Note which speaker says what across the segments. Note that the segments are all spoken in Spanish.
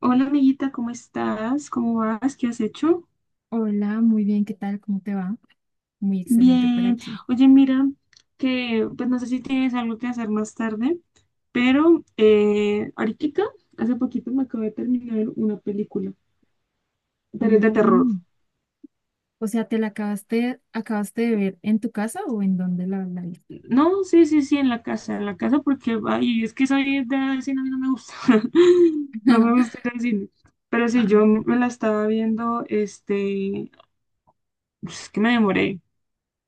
Speaker 1: Hola amiguita, ¿cómo estás? ¿Cómo vas? ¿Qué has hecho?
Speaker 2: Hola, muy bien, ¿qué tal? ¿Cómo te va? Muy excelente por
Speaker 1: Bien.
Speaker 2: aquí.
Speaker 1: Oye, mira, que pues no sé si tienes algo que hacer más tarde, pero ahorita, hace poquito me acabo de terminar una película,
Speaker 2: Ah,
Speaker 1: pero es de terror.
Speaker 2: bueno. O sea, ¿te la acabaste de ver en tu casa o en dónde la viste?
Speaker 1: No, sí, sí, sí, en la casa porque, ay, es que soy de cine, a mí no me gusta, no me gusta ir al cine. Pero sí,
Speaker 2: Ah,
Speaker 1: yo me la estaba viendo, es que me demoré.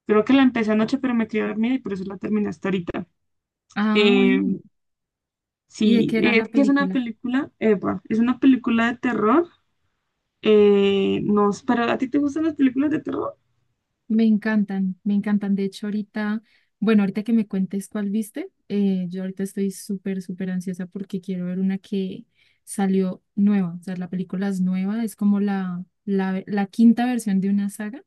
Speaker 1: Creo que la empecé anoche, pero me quedé dormida y por eso la terminé hasta ahorita. Eh,
Speaker 2: bueno. ¿Y de
Speaker 1: sí,
Speaker 2: qué era
Speaker 1: es
Speaker 2: la
Speaker 1: que es una
Speaker 2: película?
Speaker 1: película, Eva, es una película de terror. No, pero ¿a ti te gustan las películas de terror?
Speaker 2: Me encantan, me encantan. De hecho, ahorita, bueno, ahorita que me cuentes cuál viste, yo ahorita estoy súper, súper ansiosa porque quiero ver una que salió nueva. O sea, la película es nueva, es como la quinta versión de una saga.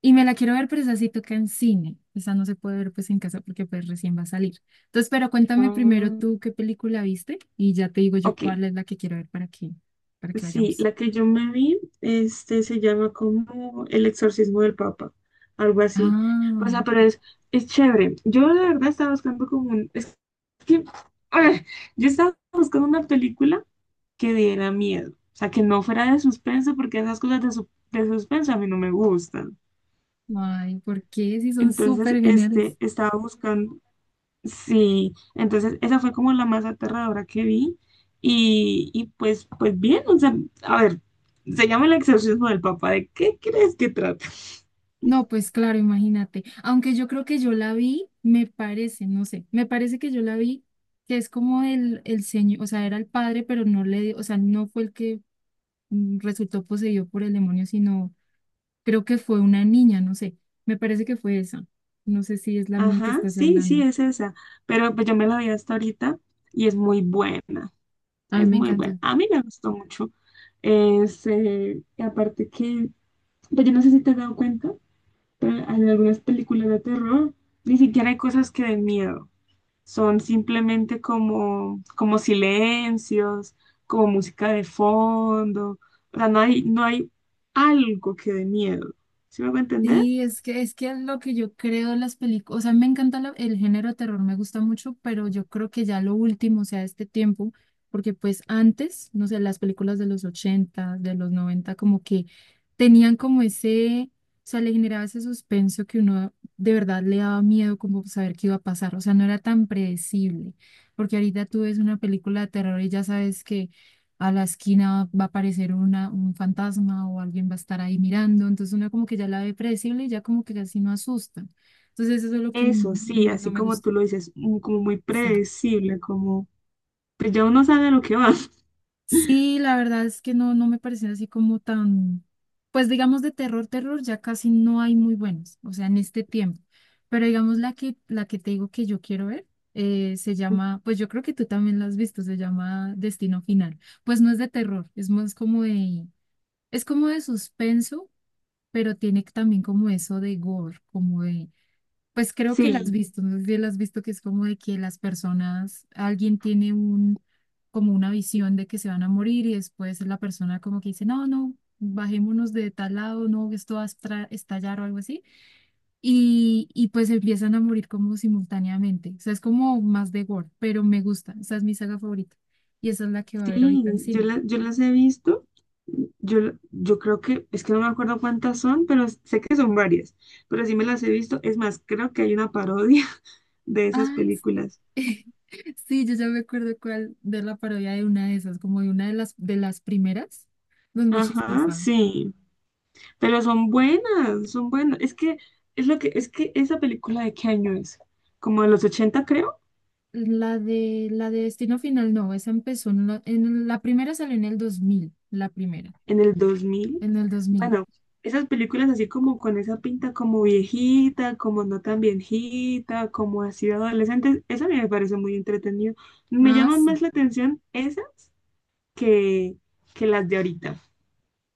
Speaker 2: Y me la quiero ver, pero esa sí toca en cine. Esa no se puede ver pues en casa porque pues recién va a salir. Entonces, pero cuéntame
Speaker 1: Ah,
Speaker 2: primero tú qué película viste y ya te digo yo
Speaker 1: ok,
Speaker 2: cuál es la que quiero ver para que
Speaker 1: sí,
Speaker 2: vayamos.
Speaker 1: la que yo me vi, se llama como El Exorcismo del Papa, algo así. O
Speaker 2: Ah,
Speaker 1: sea, pero es chévere. Yo la verdad estaba buscando como un, es que, ah, yo estaba buscando una película que diera miedo, o sea, que no fuera de suspenso, porque esas cosas de, de suspenso a mí no me gustan.
Speaker 2: ay, ¿por qué? Si son
Speaker 1: Entonces,
Speaker 2: súper geniales.
Speaker 1: estaba buscando, sí, entonces esa fue como la más aterradora que vi y pues, pues bien, o sea, a ver, se llama el exorcismo del papá, ¿de qué crees que trata?
Speaker 2: No, pues claro, imagínate. Aunque yo creo que yo la vi, me parece, no sé, me parece que yo la vi, que es como el señor, o sea, era el padre, pero no le, o sea, no fue el que resultó poseído por el demonio, sino. Creo que fue una niña, no sé. Me parece que fue esa. No sé si es la misma que
Speaker 1: Ajá,
Speaker 2: estás
Speaker 1: sí,
Speaker 2: hablando.
Speaker 1: sí, es esa, pero pues yo me la vi hasta ahorita y es muy buena.
Speaker 2: A mí
Speaker 1: Es
Speaker 2: me
Speaker 1: muy buena.
Speaker 2: encantó.
Speaker 1: A mí me gustó mucho. Es, y aparte que, pues yo no sé si te has dado cuenta, pero en algunas películas de terror ni siquiera hay cosas que den miedo. Son simplemente como, como silencios, como música de fondo. O sea, no hay, no hay algo que dé miedo. ¿Sí me voy a entender?
Speaker 2: Sí, es que es lo que yo creo de las películas, o sea, me encanta el género de terror, me gusta mucho, pero yo creo que ya lo último, o sea, este tiempo, porque pues antes, no sé, las películas de los 80, de los 90, como que tenían como ese, o sea, le generaba ese suspenso que uno de verdad le daba miedo como saber qué iba a pasar, o sea, no era tan predecible, porque ahorita tú ves una película de terror y ya sabes a la esquina va a aparecer un fantasma o alguien va a estar ahí mirando, entonces uno como que ya la ve predecible y ya como que casi no asusta. Entonces eso es lo que
Speaker 1: Eso sí,
Speaker 2: no
Speaker 1: así
Speaker 2: me
Speaker 1: como
Speaker 2: gusta.
Speaker 1: tú lo dices, como muy
Speaker 2: Sí.
Speaker 1: predecible, como, pues ya uno sabe a lo que va.
Speaker 2: Sí, la verdad es que no, me parecen así como tan, pues digamos de terror, terror, ya casi no hay muy buenos, o sea, en este tiempo. Pero digamos la que te digo que yo quiero ver. Se llama, pues yo creo que tú también la has visto, se llama Destino Final. Pues no es de terror, es más como de, es como de suspenso, pero tiene también como eso de gore, como de, pues creo que las has
Speaker 1: Sí,
Speaker 2: visto, no sé si las has visto que es como de que las personas, alguien tiene un, como una visión de que se van a morir y después la persona como que dice, no, no, bajémonos de tal lado, no, esto va a estallar o algo así, y pues empiezan a morir como simultáneamente, o sea, es como más de gore, pero me gusta, esa es mi saga favorita y esa es la que va a ver
Speaker 1: sí,
Speaker 2: ahorita en
Speaker 1: yo,
Speaker 2: cine.
Speaker 1: yo las he visto. Yo, yo creo que, es que no me acuerdo cuántas son, pero sé que son varias. Pero sí me las he visto. Es más, creo que hay una parodia de esas
Speaker 2: Ay, sí.
Speaker 1: películas.
Speaker 2: Sí, yo ya me acuerdo cuál de la parodia de una de esas, como de una de las primeras. Pues muy
Speaker 1: Ajá,
Speaker 2: chistosa.
Speaker 1: sí. Pero son buenas, son buenas. Es que, es lo que, es que esa película ¿de qué año es? Como de los 80, creo.
Speaker 2: La de Destino Final, no, esa empezó en la primera salió en el 2000, la primera,
Speaker 1: En el 2000.
Speaker 2: en el 2000.
Speaker 1: Bueno, esas películas así como con esa pinta como viejita, como no tan viejita, como así de adolescentes, eso a mí me parece muy entretenido. Me
Speaker 2: Ah,
Speaker 1: llaman
Speaker 2: sí.
Speaker 1: más la atención esas que, que las de ahorita.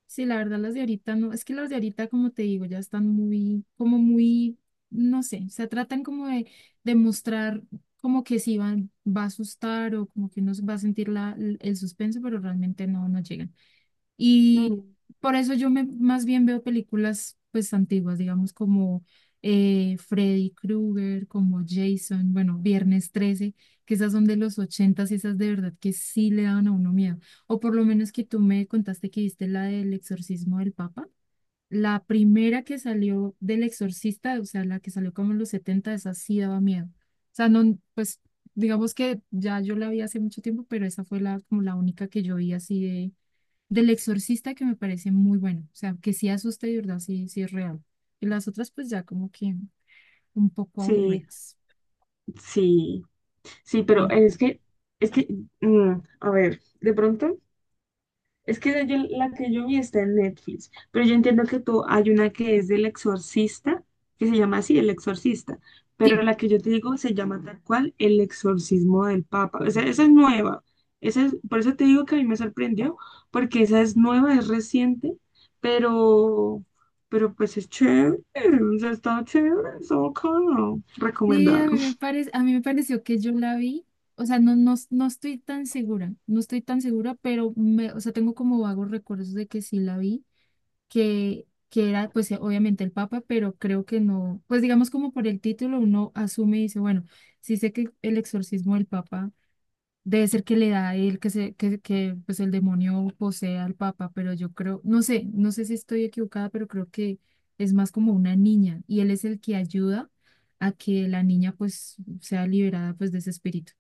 Speaker 2: Sí, la verdad las de ahorita no, es que las de ahorita, como te digo, ya están muy, como muy, no sé, se tratan como de, mostrar como que sí van, va a asustar o como que uno va a sentir la, el suspenso, pero realmente no llegan. Y
Speaker 1: Mm,
Speaker 2: por eso yo me, más bien veo películas pues antiguas, digamos como Freddy Krueger, como Jason, bueno, Viernes 13, que esas son de los ochentas y esas de verdad que sí le daban a uno miedo. O por lo menos que tú me contaste que viste la del exorcismo del Papa. La primera que salió del exorcista, o sea, la que salió como en los 70 esa sí daba miedo. O sea, no, pues digamos que ya yo la vi hace mucho tiempo, pero esa fue la, como la única que yo vi así del Exorcista que me parece muy bueno, o sea, que sí asusta y de verdad, sí, sí es real. Y las otras pues ya como que un poco
Speaker 1: sí,
Speaker 2: aburridas.
Speaker 1: sí, sí,
Speaker 2: Me
Speaker 1: pero
Speaker 2: encanta.
Speaker 1: es que, a ver, de pronto es que yo- la que yo vi está en Netflix, pero yo entiendo que tú, hay una que es del exorcista, que se llama así, El Exorcista, pero
Speaker 2: Sí,
Speaker 1: la que yo te digo se llama tal cual El Exorcismo del Papa. O sea, esa es nueva. Esa es, por eso te digo que a mí me sorprendió, porque esa es nueva, es reciente, pero, pero pues es chévere, o sea, está chévere, está bacano,
Speaker 2: sí, a
Speaker 1: recomendado.
Speaker 2: mí me parece, a mí me pareció que yo la vi, o sea, no, no, no estoy tan segura, no estoy tan segura, pero me, o sea, tengo como vagos recuerdos de que sí la vi, que era pues obviamente el Papa, pero creo que no, pues digamos como por el título uno asume y dice, bueno, sí sé que el exorcismo del Papa. Debe ser que le da a él que pues el demonio posee al papa, pero yo creo, no sé, no sé si estoy equivocada, pero creo que es más como una niña y él es el que ayuda a que la niña pues sea liberada pues de ese espíritu.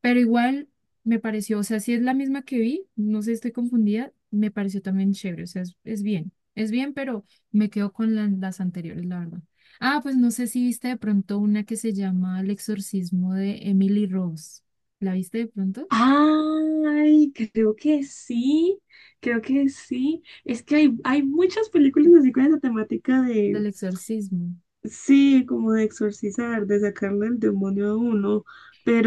Speaker 2: Pero igual me pareció, o sea, si es la misma que vi, no sé, estoy confundida, me pareció también chévere, o sea, es bien, es bien, pero me quedo con las anteriores, la verdad. Ah, pues no sé si viste de pronto una que se llama El exorcismo de Emily Rose. ¿La viste de pronto?
Speaker 1: Ay, creo que sí, creo que sí. Es que hay muchas películas así con esa temática de,
Speaker 2: Del exorcismo.
Speaker 1: sí, como de exorcizar, de sacarle el demonio a uno,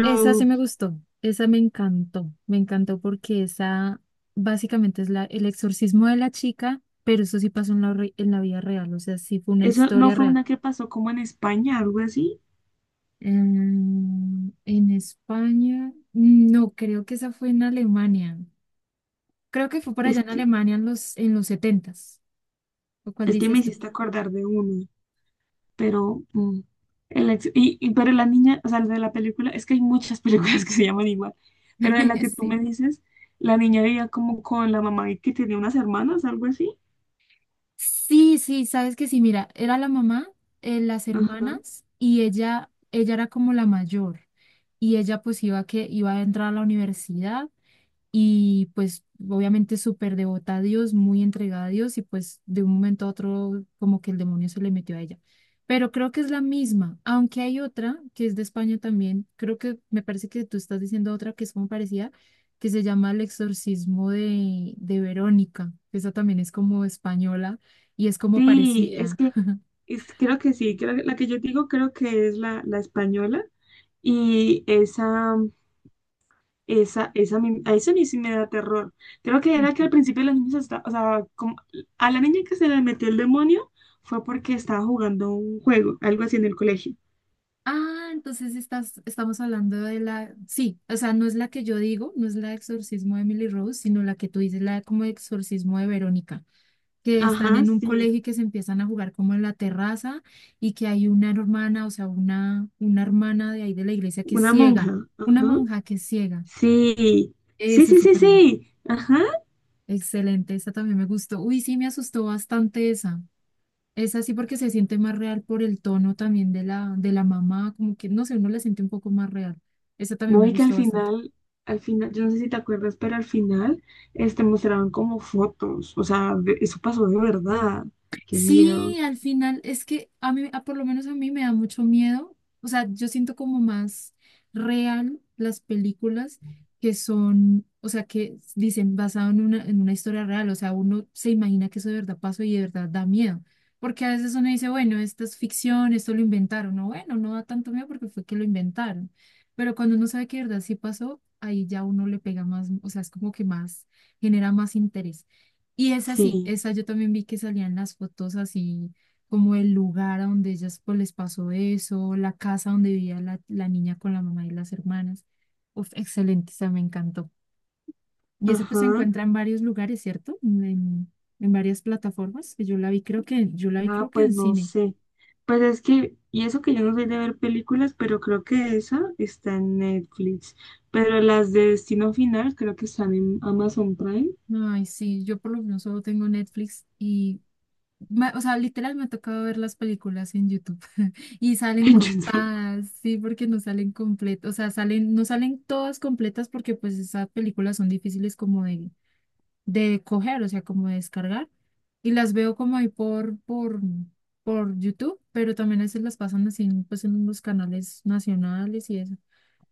Speaker 2: Esa sí me gustó, esa me encantó porque esa básicamente es el exorcismo de la chica, pero eso sí pasó en la vida real, o sea, sí fue una
Speaker 1: eso no
Speaker 2: historia
Speaker 1: fue
Speaker 2: real.
Speaker 1: una que pasó como en España, algo así.
Speaker 2: En España, no, creo que esa fue en Alemania. Creo que fue por allá
Speaker 1: Es
Speaker 2: en
Speaker 1: que,
Speaker 2: Alemania en los, setentas s lo cual
Speaker 1: es que me
Speaker 2: dices tú.
Speaker 1: hiciste acordar de uno, pero, y, pero la niña, o sea, de la película, es que hay muchas películas que se llaman igual, pero de la que tú
Speaker 2: Sí.
Speaker 1: me dices, la niña vivía como con la mamá y que tenía unas hermanas, algo así.
Speaker 2: Sí, sí, sabes que sí, mira, era la mamá, las
Speaker 1: Ajá.
Speaker 2: hermanas y ella era como la mayor y ella pues iba que iba a entrar a la universidad y pues obviamente súper devota a Dios, muy entregada a Dios y pues de un momento a otro como que el demonio se le metió a ella. Pero creo que es la misma, aunque hay otra que es de España también, creo que me parece que tú estás diciendo otra que es como parecida, que se llama El exorcismo de Verónica, esa también es como española y es como
Speaker 1: Sí, es
Speaker 2: parecida.
Speaker 1: que es, creo que sí, creo que la que yo digo creo que es la, la española y esa, a eso a mí sí me da terror. Creo que era que al principio los niños estaban, o sea, a la niña que se le metió el demonio fue porque estaba jugando un juego, algo así en el colegio.
Speaker 2: Ah, entonces estamos hablando de la, sí, o sea, no es la que yo digo, no es la de exorcismo de Emily Rose, sino la que tú dices, la de como exorcismo de Verónica, que están
Speaker 1: Ajá,
Speaker 2: en un
Speaker 1: sí,
Speaker 2: colegio y que se empiezan a jugar como en la terraza y que hay una hermana, o sea, una hermana de ahí de la iglesia que es
Speaker 1: una
Speaker 2: ciega,
Speaker 1: monja,
Speaker 2: una
Speaker 1: ajá.
Speaker 2: monja que es ciega.
Speaker 1: Sí, sí,
Speaker 2: Ese es
Speaker 1: sí, sí,
Speaker 2: súper bien.
Speaker 1: sí, ajá.
Speaker 2: Excelente, esa también me gustó. Uy, sí, me asustó bastante esa. Es así porque se siente más real por el tono también de la, mamá, como que, no sé, uno la siente un poco más real. Esa también
Speaker 1: No,
Speaker 2: me
Speaker 1: y que
Speaker 2: gustó bastante.
Speaker 1: al final, yo no sé si te acuerdas, pero al final, mostraban como fotos, o sea, eso pasó de verdad. Qué
Speaker 2: Sí,
Speaker 1: miedo.
Speaker 2: al final es que a mí, por lo menos a mí me da mucho miedo. O sea, yo siento como más real las películas que son, o sea, que dicen basado en una historia real. O sea, uno se imagina que eso de verdad pasó y de verdad da miedo. Porque a veces uno dice, bueno, esto es ficción, esto lo inventaron. No, bueno, no da tanto miedo porque fue que lo inventaron. Pero cuando uno sabe que de verdad sí pasó, ahí ya uno le pega más, o sea, es como que más, genera más interés. Y esa sí,
Speaker 1: Sí,
Speaker 2: esa yo también vi que salían las fotos así, como el lugar a donde ellas pues les pasó eso, la casa donde vivía la niña con la mamá y las hermanas. Uf, excelente, esa me encantó. Y esa pues se
Speaker 1: ajá.
Speaker 2: encuentra en varios lugares, ¿cierto? En varias plataformas, que yo la vi
Speaker 1: Ah,
Speaker 2: creo que
Speaker 1: pues
Speaker 2: en
Speaker 1: no
Speaker 2: cine.
Speaker 1: sé. Pues es que, y eso que yo no soy de ver películas, pero creo que esa está en Netflix. Pero las de Destino Final creo que están en Amazon Prime,
Speaker 2: Ay, sí, yo por lo menos solo tengo Netflix y, o sea, literal me ha tocado ver las películas en YouTube. Y salen
Speaker 1: en YouTube.
Speaker 2: cortadas, sí, porque no salen completas, o sea, no salen todas completas porque pues esas películas son difíciles como de, coger, o sea, como de descargar. Y las veo como ahí por YouTube, pero también a veces las pasan así pues en los canales nacionales y eso.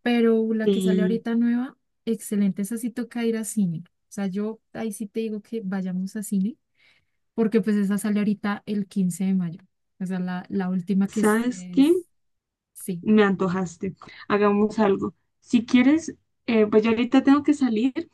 Speaker 2: Pero la que sale
Speaker 1: Y,
Speaker 2: ahorita nueva, excelente, esa sí toca ir a cine. O sea, yo ahí sí te digo que vayamos a cine, porque pues esa sale ahorita el 15 de mayo. O sea, la última que es,
Speaker 1: ¿sabes qué?
Speaker 2: sí.
Speaker 1: Me antojaste. Hagamos algo. Si quieres, pues yo ahorita tengo que salir.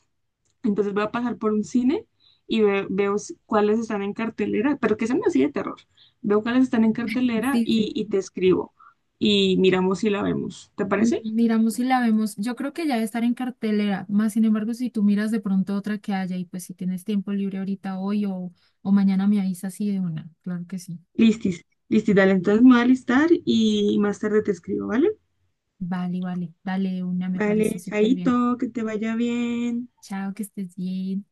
Speaker 1: Entonces voy a pasar por un cine y veo cuáles están en cartelera, pero que sean así de terror. Veo cuáles están en cartelera
Speaker 2: Sí, sí.
Speaker 1: y te escribo y miramos si la vemos. ¿Te parece?
Speaker 2: Miramos si la vemos. Yo creo que ya debe estar en cartelera. Más sin embargo, si tú miras de pronto otra que haya y pues si tienes tiempo libre ahorita hoy o mañana me avisas así de una. Claro que sí.
Speaker 1: Listis, listis, dale. Entonces me voy a listar y más tarde te escribo, ¿vale?
Speaker 2: Vale, vale. Dale de una, me parece
Speaker 1: Vale,
Speaker 2: súper bien.
Speaker 1: chaito, que te vaya bien.
Speaker 2: Chao, que estés bien.